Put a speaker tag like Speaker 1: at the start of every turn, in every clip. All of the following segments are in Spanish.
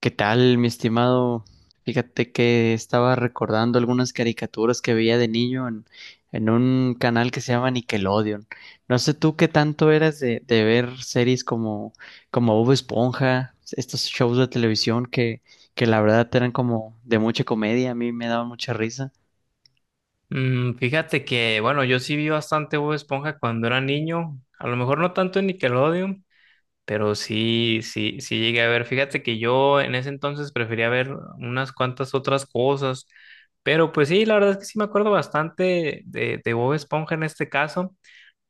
Speaker 1: ¿Qué tal, mi estimado? Fíjate que estaba recordando algunas caricaturas que veía de niño en un canal que se llama Nickelodeon. No sé tú qué tanto eras de ver series como Bob Esponja, estos shows de televisión que la verdad eran como de mucha comedia, a mí me daban mucha risa.
Speaker 2: Fíjate que, bueno, yo sí vi bastante Bob Esponja cuando era niño, a lo mejor no tanto en Nickelodeon, pero sí, sí, sí llegué a ver. Fíjate que yo en ese entonces prefería ver unas cuantas otras cosas, pero pues sí, la verdad es que sí me acuerdo bastante de Bob Esponja en este caso.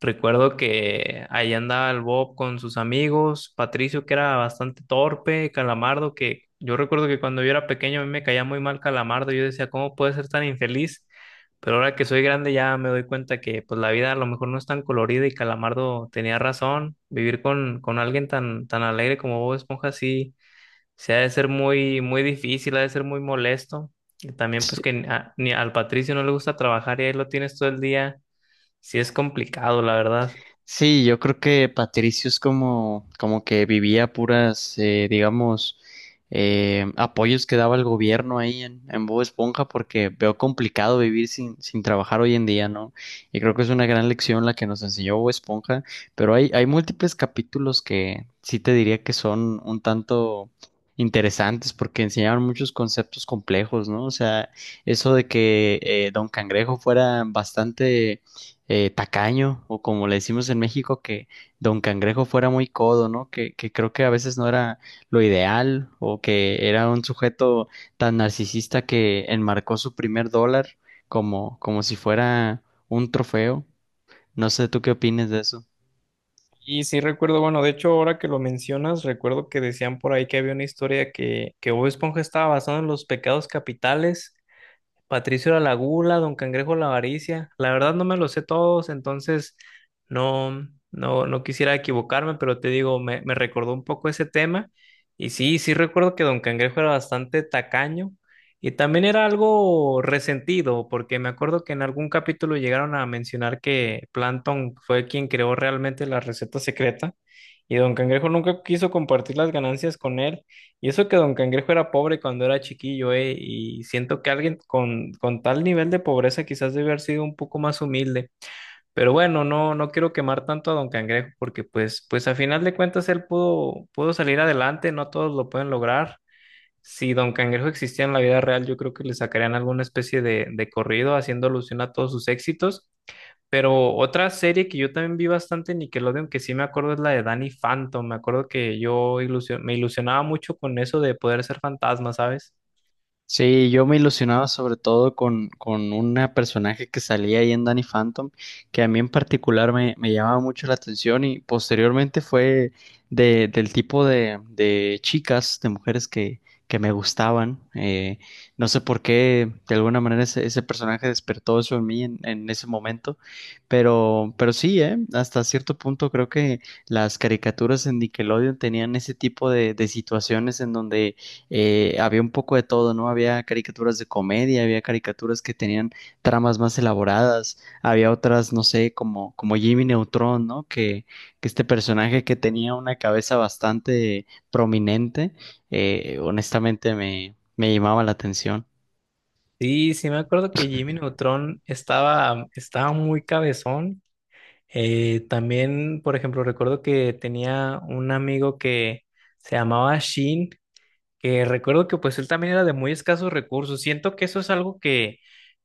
Speaker 2: Recuerdo que ahí andaba el Bob con sus amigos, Patricio, que era bastante torpe, Calamardo, que yo recuerdo que cuando yo era pequeño a mí me caía muy mal Calamardo, yo decía, ¿cómo puede ser tan infeliz? Pero ahora que soy grande ya me doy cuenta que pues la vida a lo mejor no es tan colorida y Calamardo tenía razón, vivir con alguien tan, tan alegre como Bob Esponja sí, se ha de ser muy, muy difícil, ha de ser muy molesto. Y también pues que ni al Patricio no le gusta trabajar y ahí lo tienes todo el día, sí es complicado, la verdad.
Speaker 1: Sí, yo creo que Patricio es como que vivía puras, digamos, apoyos que daba el gobierno ahí en Bob Esponja, porque veo complicado vivir sin trabajar hoy en día, ¿no? Y creo que es una gran lección la que nos enseñó Bob Esponja, pero hay múltiples capítulos que sí te diría que son un tanto interesantes porque enseñaban muchos conceptos complejos, ¿no? O sea, eso de que Don Cangrejo fuera bastante tacaño, o como le decimos en México, que Don Cangrejo fuera muy codo, ¿no? Que creo que a veces no era lo ideal, o que era un sujeto tan narcisista que enmarcó su primer dólar como si fuera un trofeo. No sé, ¿tú qué opinas de eso?
Speaker 2: Y sí recuerdo, bueno, de hecho ahora que lo mencionas, recuerdo que decían por ahí que había una historia que Bob Esponja estaba basado en los pecados capitales. Patricio era la gula, Don Cangrejo la avaricia. La verdad no me los sé todos, entonces no, no, no quisiera equivocarme, pero te digo, me recordó un poco ese tema. Y sí, sí recuerdo que Don Cangrejo era bastante tacaño y también era algo resentido, porque me acuerdo que en algún capítulo llegaron a mencionar que Plankton fue quien creó realmente la receta secreta y Don Cangrejo nunca quiso compartir las ganancias con él. Y eso que Don Cangrejo era pobre cuando era chiquillo, ¿eh? Y siento que alguien con tal nivel de pobreza quizás debe haber sido un poco más humilde. Pero bueno, no, no quiero quemar tanto a Don Cangrejo porque pues a final de cuentas él pudo, pudo salir adelante, no todos lo pueden lograr. Si Don Cangrejo existía en la vida real, yo creo que le sacarían alguna especie de corrido haciendo alusión a todos sus éxitos. Pero otra serie que yo también vi bastante en Nickelodeon, que sí me acuerdo, es la de Danny Phantom. Me acuerdo que yo me ilusionaba mucho con eso de poder ser fantasma, ¿sabes?
Speaker 1: Sí, yo me ilusionaba sobre todo con una personaje que salía ahí en Danny Phantom, que a mí en particular me llamaba mucho la atención y posteriormente fue del tipo de chicas, de mujeres que me gustaban. No sé por qué, de alguna manera ese personaje despertó eso en mí en ese momento, pero sí, hasta cierto punto creo que las caricaturas en Nickelodeon tenían ese tipo de situaciones en donde había un poco de todo, ¿no? Había caricaturas de comedia, había caricaturas que tenían tramas más elaboradas, había otras, no sé, como Jimmy Neutron, ¿no? Que este personaje que tenía una cabeza bastante prominente, honestamente me llamaba la atención.
Speaker 2: Sí, sí me acuerdo que Jimmy Neutron estaba muy cabezón. También, por ejemplo, recuerdo que tenía un amigo que se llamaba Shin, que recuerdo que pues él también era de muy escasos recursos. Siento que eso es algo que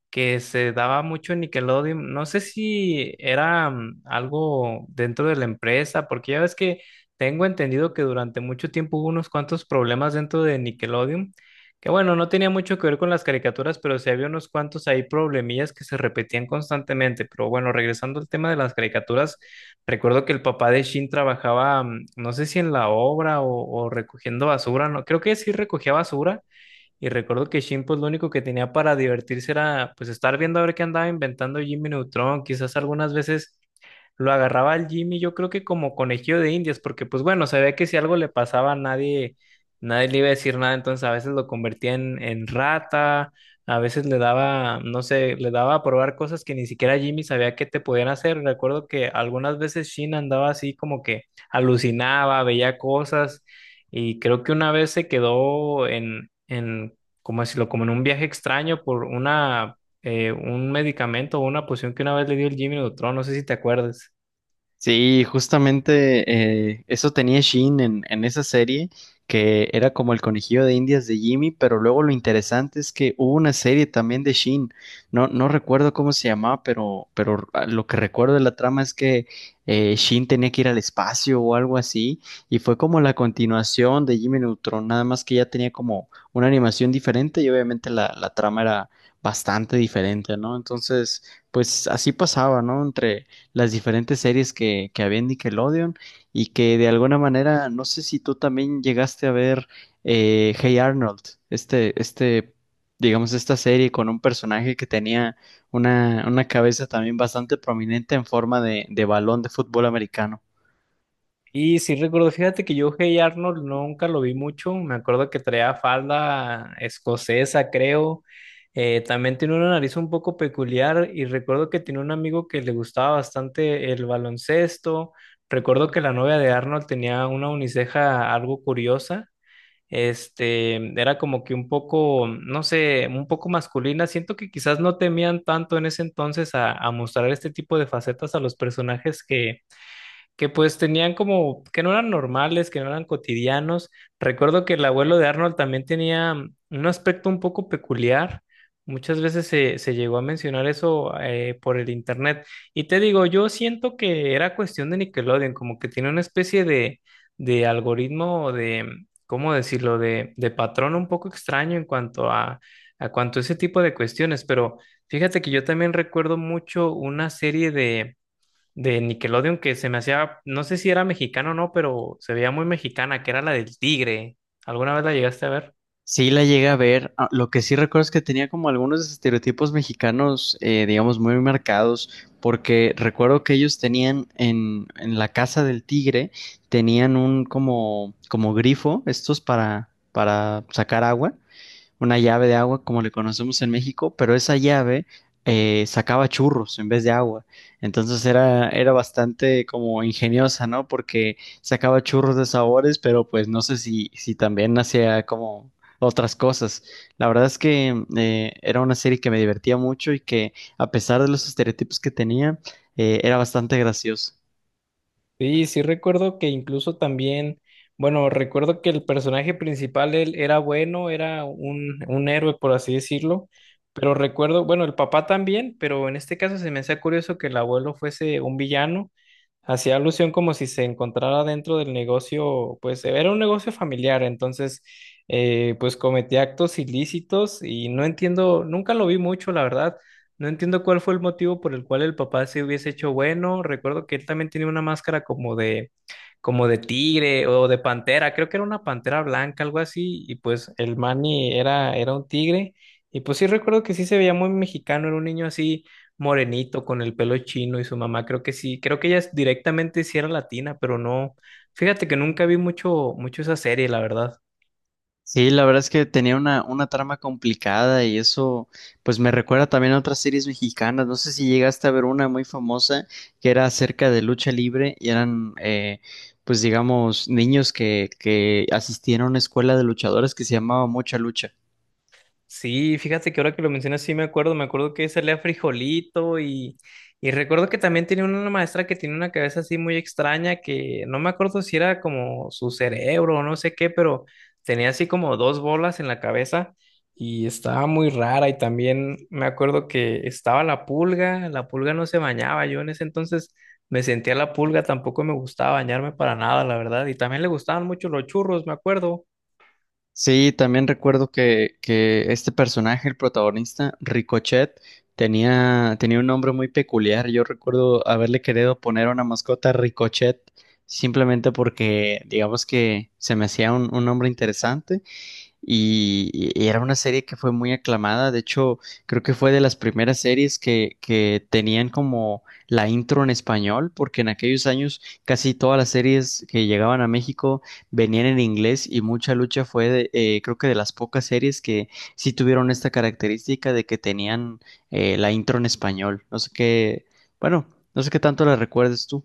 Speaker 2: que se daba mucho en Nickelodeon. No sé si era algo dentro de la empresa, porque ya ves que tengo entendido que durante mucho tiempo hubo unos cuantos problemas dentro de Nickelodeon, que bueno, no tenía mucho que ver con las caricaturas, pero sí había unos cuantos ahí problemillas que se repetían constantemente. Pero bueno, regresando al tema de las caricaturas, recuerdo que el papá de Shin trabajaba, no sé si en la obra o recogiendo basura, no, creo que sí recogía basura y recuerdo que Shin, pues lo único que tenía para divertirse era pues estar viendo a ver qué andaba inventando Jimmy Neutron, quizás algunas veces lo agarraba al Jimmy, yo creo que como conejillo de indias, porque pues bueno, sabía que si algo le pasaba nadie, nadie le iba a decir nada, entonces a veces lo convertía en rata, a veces le daba, no sé, le daba a probar cosas que ni siquiera Jimmy sabía que te podían hacer. Recuerdo que algunas veces Shin andaba así como que alucinaba, veía cosas, y creo que una vez se quedó como decirlo, como en un viaje extraño por una un medicamento o una poción que una vez le dio el Jimmy Neutron, no sé si te acuerdas.
Speaker 1: Sí, justamente eso tenía Shin en esa serie, que era como el conejillo de Indias de Jimmy, pero luego lo interesante es que hubo una serie también de Shin, no recuerdo cómo se llamaba, pero ah, lo que recuerdo de la trama es que Shin tenía que ir al espacio o algo así, y fue como la continuación de Jimmy Neutron, nada más que ya tenía como una animación diferente y obviamente la trama era bastante diferente, ¿no? Entonces, pues así pasaba, ¿no? Entre las diferentes series que había en Nickelodeon y que de alguna manera, no sé si tú también llegaste a ver Hey Arnold, este, este, digamos, esta serie con un personaje que tenía una cabeza también bastante prominente en forma de balón de fútbol americano.
Speaker 2: Y sí recuerdo, fíjate que yo Hey Arnold nunca lo vi mucho, me acuerdo que traía falda escocesa, creo. También tiene una nariz un poco peculiar y recuerdo que tiene un amigo que le gustaba bastante el baloncesto. Recuerdo que la novia de Arnold tenía una uniceja algo curiosa. Este, era como que un poco, no sé, un poco masculina. Siento que quizás no temían tanto en ese entonces a mostrar este tipo de facetas a los personajes que pues tenían como, que no eran normales, que no eran cotidianos. Recuerdo que el abuelo de Arnold también tenía un aspecto un poco peculiar. Muchas veces se llegó a mencionar eso por el internet. Y te digo, yo siento que era cuestión de Nickelodeon, como que tiene una especie de algoritmo o ¿cómo decirlo?, de patrón un poco extraño en cuanto a ese tipo de cuestiones. Pero fíjate que yo también recuerdo mucho una serie de Nickelodeon que se me hacía, no sé si era mexicano o no, pero se veía muy mexicana, que era la del tigre. ¿Alguna vez la llegaste a ver?
Speaker 1: Sí, la llegué a ver. Ah, lo que sí recuerdo es que tenía como algunos estereotipos mexicanos, digamos, muy marcados, porque recuerdo que ellos tenían en la casa del tigre, tenían un como grifo, estos para sacar agua, una llave de agua como le conocemos en México, pero esa llave sacaba churros en vez de agua. Entonces era bastante como ingeniosa, ¿no? Porque sacaba churros de sabores, pero pues no sé si también hacía como otras cosas. La verdad es que era una serie que me divertía mucho y que a pesar de los estereotipos que tenía, era bastante graciosa.
Speaker 2: Sí, sí recuerdo que incluso también, bueno, recuerdo que el personaje principal, él era bueno, era un héroe, por así decirlo, pero recuerdo, bueno, el papá también, pero en este caso se me hacía curioso que el abuelo fuese un villano, hacía alusión como si se encontrara dentro del negocio, pues era un negocio familiar, entonces, pues cometía actos ilícitos y no entiendo, nunca lo vi mucho, la verdad. No entiendo cuál fue el motivo por el cual el papá se hubiese hecho bueno. Recuerdo que él también tenía una máscara como de tigre o de pantera. Creo que era una pantera blanca, algo así. Y pues el Manny era un tigre. Y pues sí recuerdo que sí se veía muy mexicano. Era un niño así morenito, con el pelo chino y su mamá. Creo que sí. Creo que directamente sí era latina, pero no. Fíjate que nunca vi mucho, mucho esa serie, la verdad.
Speaker 1: Sí, la verdad es que tenía una trama complicada y eso pues me recuerda también a otras series mexicanas. No sé si llegaste a ver una muy famosa que era acerca de lucha libre y eran pues digamos niños que asistían a una escuela de luchadores que se llamaba Mucha Lucha.
Speaker 2: Sí, fíjate que ahora que lo mencionas, sí me acuerdo que salía frijolito y recuerdo que también tenía una maestra que tiene una cabeza así muy extraña que no me acuerdo si era como su cerebro o no sé qué, pero tenía así como dos bolas en la cabeza y estaba muy rara y también me acuerdo que estaba la pulga no se bañaba, yo en ese entonces me sentía la pulga, tampoco me gustaba bañarme para nada, la verdad, y también le gustaban mucho los churros, me acuerdo.
Speaker 1: Sí, también recuerdo que este personaje, el protagonista, Ricochet, tenía, tenía un nombre muy peculiar. Yo recuerdo haberle querido poner una mascota Ricochet simplemente porque, digamos que se me hacía un nombre interesante y era una serie que fue muy aclamada. De hecho, creo que fue de las primeras series que tenían como la intro en español, porque en aquellos años casi todas las series que llegaban a México venían en inglés y Mucha Lucha fue, de, creo que de las pocas series que sí tuvieron esta característica de que tenían la intro en español. No sé qué, bueno, no sé qué tanto la recuerdes tú.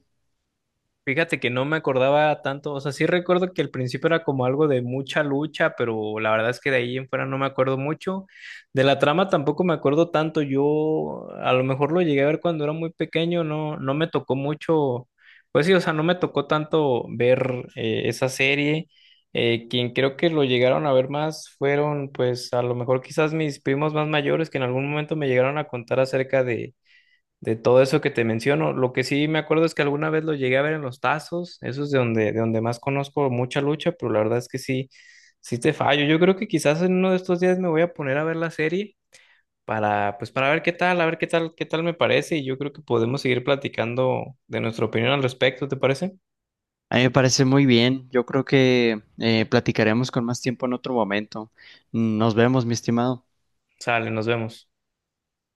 Speaker 2: Fíjate que no me acordaba tanto, o sea, sí recuerdo que al principio era como algo de mucha lucha, pero la verdad es que de ahí en fuera no me acuerdo mucho. De la trama tampoco me acuerdo tanto, yo a lo mejor lo llegué a ver cuando era muy pequeño, no, no me tocó mucho, pues sí, o sea, no me tocó tanto ver esa serie. Quien creo que lo llegaron a ver más fueron, pues a lo mejor quizás mis primos más mayores que en algún momento me llegaron a contar acerca de todo eso que te menciono. Lo que sí me acuerdo es que alguna vez lo llegué a ver en los tazos, eso es de donde más conozco mucha lucha, pero la verdad es que sí, sí te fallo. Yo creo que quizás en uno de estos días me voy a poner a ver la serie pues para ver qué tal, qué tal me parece y yo creo que podemos seguir platicando de nuestra opinión al respecto, ¿te parece?
Speaker 1: A mí me parece muy bien. Yo creo que platicaremos con más tiempo en otro momento. Nos vemos, mi estimado.
Speaker 2: Sale, nos vemos.